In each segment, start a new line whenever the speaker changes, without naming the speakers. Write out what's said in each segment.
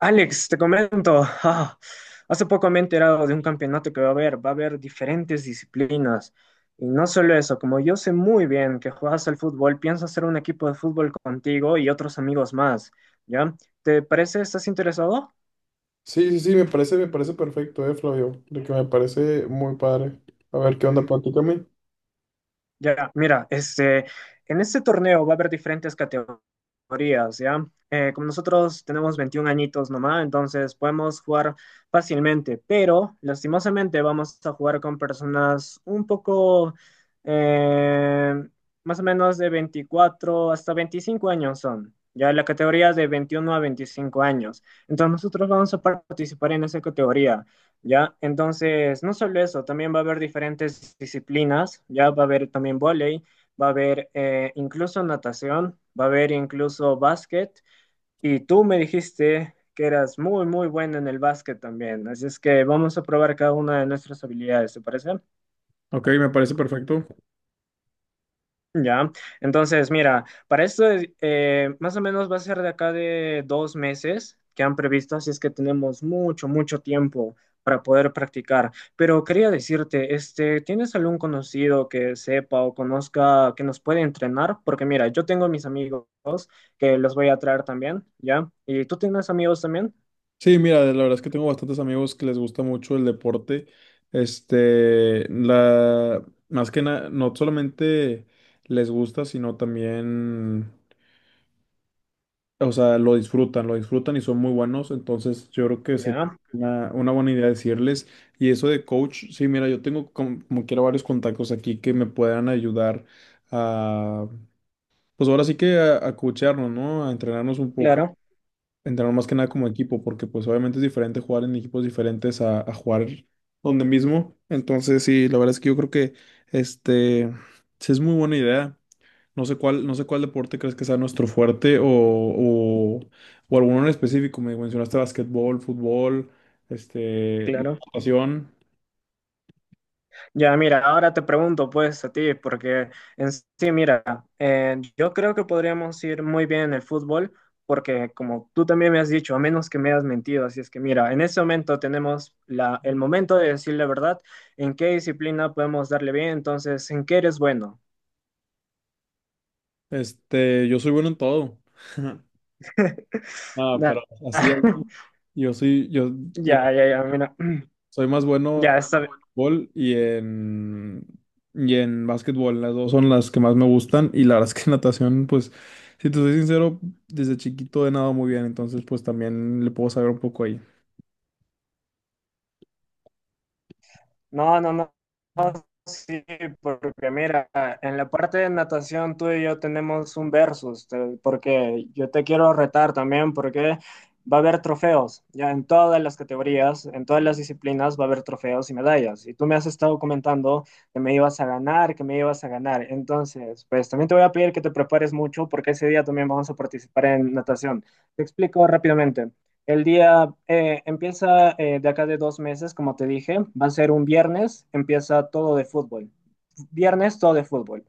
Alex, te comento, hace poco me he enterado de un campeonato que va a haber diferentes disciplinas. Y no solo eso, como yo sé muy bien que juegas al fútbol, pienso hacer un equipo de fútbol contigo y otros amigos más, ¿ya? ¿Te parece? ¿Estás interesado?
Sí, sí, sí, me parece perfecto, Flavio, de que me parece muy padre. A ver, ¿qué onda? Platícame.
Ya, mira, en este torneo va a haber diferentes categorías, ¿ya? Como nosotros tenemos 21 añitos nomás, entonces podemos jugar fácilmente, pero lastimosamente vamos a jugar con personas un poco, eh, más o menos de 24 hasta 25 años son, ya la categoría es de 21 a 25 años. Entonces nosotros vamos a participar en esa categoría. ¿Ya? Entonces, no solo eso, también va a haber diferentes disciplinas, ¿ya? Va a haber también vóley, va a haber incluso natación, va a haber incluso básquet. Y tú me dijiste que eras muy, muy bueno en el básquet también. Así es que vamos a probar cada una de nuestras habilidades, ¿te parece?
Ok, me parece perfecto.
Ya, entonces mira, más o menos va a ser de acá de 2 meses que han previsto, así es que tenemos mucho, mucho tiempo para poder practicar. Pero quería decirte, ¿tienes algún conocido que sepa o conozca que nos puede entrenar? Porque mira, yo tengo mis amigos que los voy a traer también, ¿ya? ¿Y tú tienes amigos también?
Sí, mira, la verdad es que tengo bastantes amigos que les gusta mucho el deporte. Este, más que nada, no solamente les gusta, sino también, o sea, lo disfrutan y son muy buenos. Entonces, yo creo que sería
Ya,
una buena idea decirles. Y eso de coach, sí, mira, yo tengo como quiera varios contactos aquí que me puedan ayudar pues ahora sí que a coachearnos, ¿no? A entrenarnos un poco,
claro,
entrenar más que nada como equipo, porque pues obviamente es diferente jugar en equipos diferentes a jugar donde mismo. Entonces, sí, la verdad es que yo creo que este sí es muy buena idea. No sé cuál deporte crees que sea nuestro fuerte o, o alguno en específico. Me mencionaste basquetbol, fútbol, este,
claro.
natación.
Ya, mira, ahora te pregunto pues a ti, porque en sí, mira, yo creo que podríamos ir muy bien en el fútbol, porque como tú también me has dicho, a menos que me hayas mentido, así es que mira, en este momento tenemos la, el momento de decir la verdad, en qué disciplina podemos darle bien, entonces, en qué eres bueno.
Yo soy bueno en todo. Ah,
Ya,
pero así, yo soy, yo
ya, ya, ya, mira,
soy más bueno.
ya, está.
Fútbol y en básquetbol. Las dos son las que más me gustan y la verdad es que natación, pues, si te soy sincero, desde chiquito he nadado muy bien, entonces pues también le puedo saber un poco ahí.
No, no, no, no. Sí, porque mira, en la parte de natación tú y yo tenemos un versus, porque yo te quiero retar también, porque va a haber trofeos, ya en todas las categorías, en todas las disciplinas va a haber trofeos y medallas. Y tú me has estado comentando que me ibas a ganar, que me ibas a ganar. Entonces, pues también te voy a pedir que te prepares mucho, porque ese día también vamos a participar en natación. Te explico rápidamente. El día empieza de acá de 2 meses, como te dije, va a ser un viernes, empieza todo de fútbol. Viernes todo de fútbol.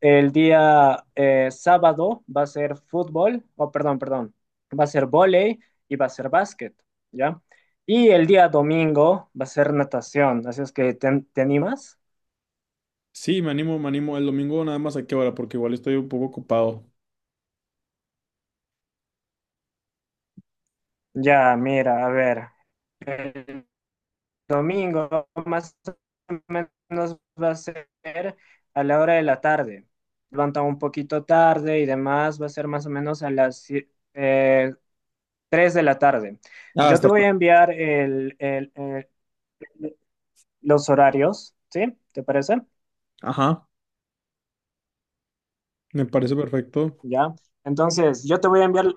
El día sábado va a ser fútbol, oh, perdón, perdón, va a ser vóley y va a ser básquet, ¿ya? Y el día domingo va a ser natación, así es que te animas.
Sí, me animo, me animo. El domingo nada más a qué hora, porque igual estoy un poco ocupado.
Ya, mira, a ver, el domingo, más o menos va a ser a la hora de la tarde. Levanta un poquito tarde y demás, va a ser más o menos a las eh, 3 de la tarde.
Ah,
Yo te
está.
voy a enviar los horarios, ¿sí? ¿Te parece?
Ajá, me parece perfecto.
Ya. Entonces, yo te voy a enviar,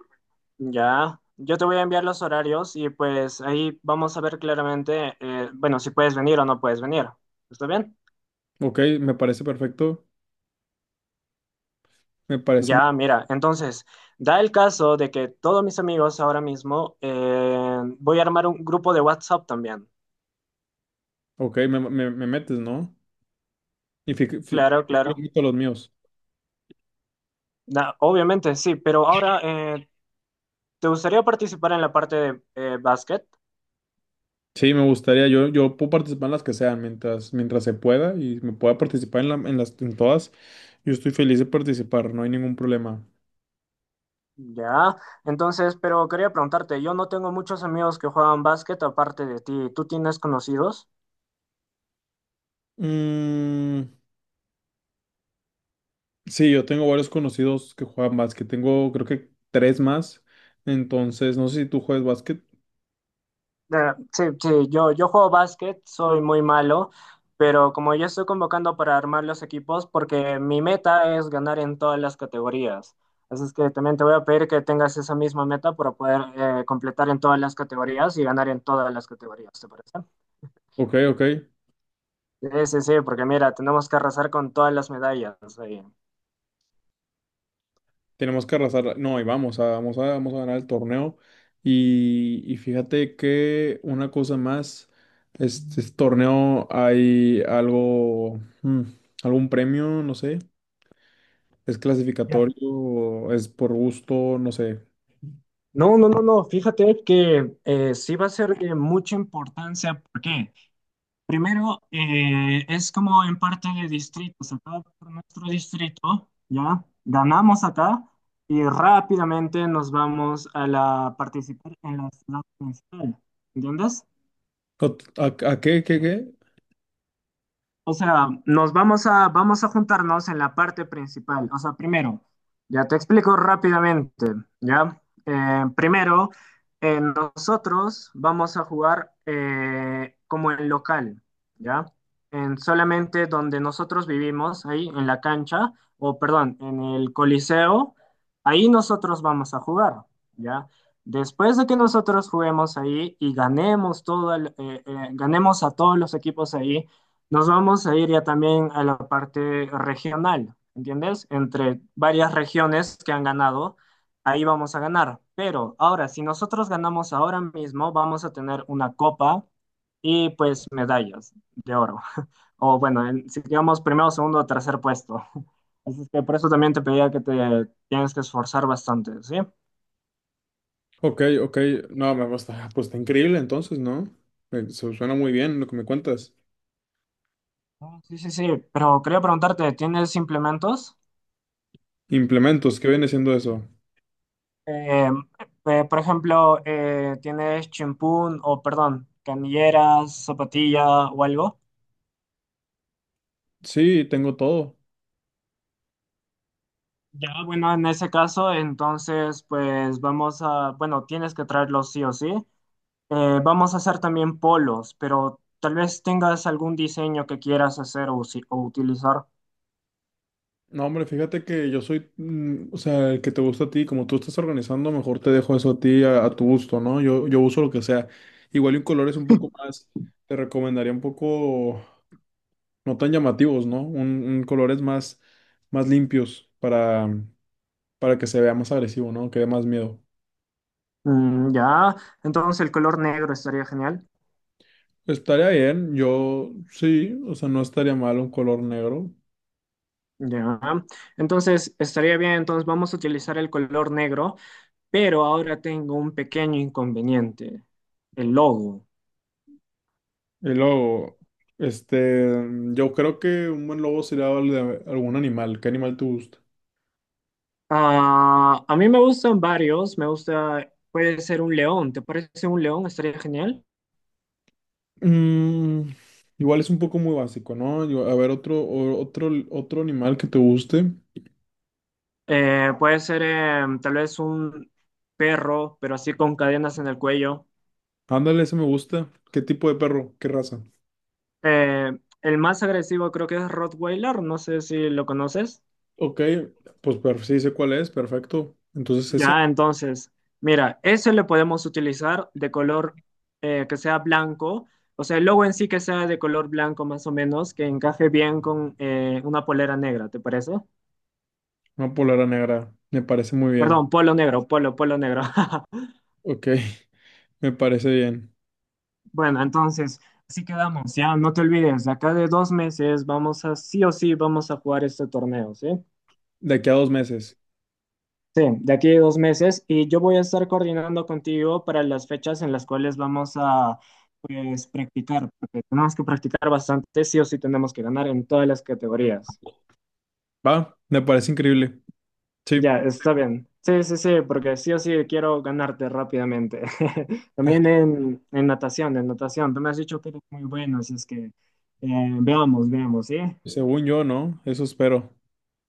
ya, yo te voy a enviar los horarios y pues ahí vamos a ver claramente, bueno, si puedes venir o no puedes venir. ¿Está bien?
Ok, me parece perfecto. Me parece.
Ya, mira, entonces, da el caso de que todos mis amigos ahora mismo, voy a armar un grupo de WhatsApp también.
Ok, me metes, ¿no? Y
Claro,
yo
claro.
meto los míos.
Obviamente, sí, pero ahora, ¿te gustaría participar en la parte de básquet?
Sí, me gustaría, yo puedo participar en las que sean mientras se pueda y me pueda participar en las, en todas. Yo estoy feliz de participar, no hay ningún problema.
Ya, entonces, pero quería preguntarte, yo no tengo muchos amigos que juegan básquet aparte de ti. ¿Tú tienes conocidos?
Mm, sí, yo tengo varios conocidos que juegan básquet, tengo creo que tres más, entonces no sé si tú juegas básquet.
Sí, sí, yo juego básquet, soy muy malo, pero como yo estoy convocando para armar los equipos, porque mi meta es ganar en todas las categorías. Así es que también te voy a pedir que tengas esa misma meta para poder completar en todas las categorías y ganar en todas las categorías, ¿te parece?
Ok, ok,
Sí, sí, sí, porque mira, tenemos que arrasar con todas las medallas ahí.
tenemos que arrasar, no, y vamos a ganar el torneo. Y fíjate que una cosa más, este torneo hay algo, algún premio, no sé. ¿Es
Ya.
clasificatorio? ¿Es por gusto? No sé.
No, no, no, no, fíjate que sí va a ser de mucha importancia. ¿Por qué? Primero, es como en parte de distritos. Acá por nuestro distrito, ya ganamos acá y rápidamente nos vamos a la participar en la ciudad municipal. ¿Entiendes?
¿A, qué, qué?
O sea, vamos a juntarnos en la parte principal. O sea, primero, ya te explico rápidamente, ¿ya? Primero, nosotros vamos a jugar como en local, ¿ya? En solamente donde nosotros vivimos, ahí en la cancha, o perdón, en el Coliseo, ahí nosotros vamos a jugar, ¿ya? Después de que nosotros juguemos ahí y ganemos a todos los equipos ahí, nos vamos a ir ya también a la parte regional, ¿entiendes? Entre varias regiones que han ganado, ahí vamos a ganar. Pero ahora, si nosotros ganamos ahora mismo, vamos a tener una copa y pues medallas de oro. O bueno, si digamos primero, segundo o tercer puesto. Así es que por eso también te pedía que te tienes que esforzar bastante, ¿sí?
Ok, ok. No, me gusta. Pues está increíble entonces, ¿no? Se suena muy bien lo que me cuentas.
Ah, sí, sí, sí. Pero quería preguntarte, ¿tienes implementos?
Implementos, ¿qué viene siendo eso?
Eh, por ejemplo, ¿tienes chimpún o, perdón, canilleras, zapatilla o algo?
Sí, tengo todo.
Ya, bueno, en ese caso, entonces, pues vamos a, bueno, tienes que traerlos sí o sí. Vamos a hacer también polos, pero tal vez tengas algún diseño que quieras hacer o, o utilizar.
No, hombre, fíjate que yo soy, o sea, el que te gusta a ti, como tú estás organizando, mejor te dejo eso a ti, a tu gusto, ¿no? Yo uso lo que sea. Igual y un color es un poco más, te recomendaría un poco, no tan llamativos, ¿no? Un colores más, limpios para que se vea más agresivo, ¿no? Que dé más miedo.
Mm, ya, entonces el color negro estaría genial.
Estaría bien, yo sí, o sea, no estaría mal un color negro.
Ya, entonces estaría bien, entonces vamos a utilizar el color negro. Pero ahora tengo un pequeño inconveniente, el logo.
Y luego, este, yo creo que un buen logo sería el de algún animal. ¿Qué animal te gusta?
Ah, a mí me gustan varios, me gusta, puede ser un león, ¿te parece un león? Estaría genial.
Mm, igual es un poco muy básico, ¿no? A ver, otro animal que te guste.
Puede ser tal vez un perro, pero así con cadenas en el cuello.
Ándale, ese me gusta. ¿Qué tipo de perro? ¿Qué raza?
Eh, el más agresivo creo que es Rottweiler, no sé si lo conoces.
Ok, pues sí sé cuál es, perfecto. Entonces ese,
Ya, entonces, mira, eso le podemos utilizar de color que sea blanco, o sea, el logo en sí que sea de color blanco más o menos, que encaje bien con una polera negra, ¿te parece?
una polera negra, me parece muy
Perdón,
bien.
polo negro, polo, polo negro.
Ok, me parece bien.
Bueno, entonces, así quedamos, ya, no te olvides, de acá de 2 meses vamos a, sí o sí, vamos a jugar este torneo, ¿sí?
De aquí a 2 meses.
Sí, de aquí a 2 meses y yo voy a estar coordinando contigo para las fechas en las cuales vamos a pues practicar, porque tenemos que practicar bastante, sí o sí tenemos que ganar en todas las categorías.
Va, me parece increíble. Sí,
Ya, está bien. Sí, sí, sí, porque sí o sí quiero ganarte rápidamente. También en natación, en natación. Tú me has dicho que eres muy bueno, así es que veamos, veamos, ¿sí?
según yo, ¿no? Eso espero.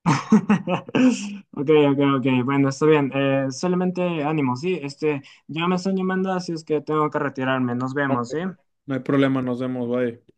Ok, ok, ok. Bueno, está bien. Solamente ánimo, ¿sí? Ya me están llamando, así es que tengo que retirarme. Nos vemos, ¿sí?
No hay problema, nos vemos, bye.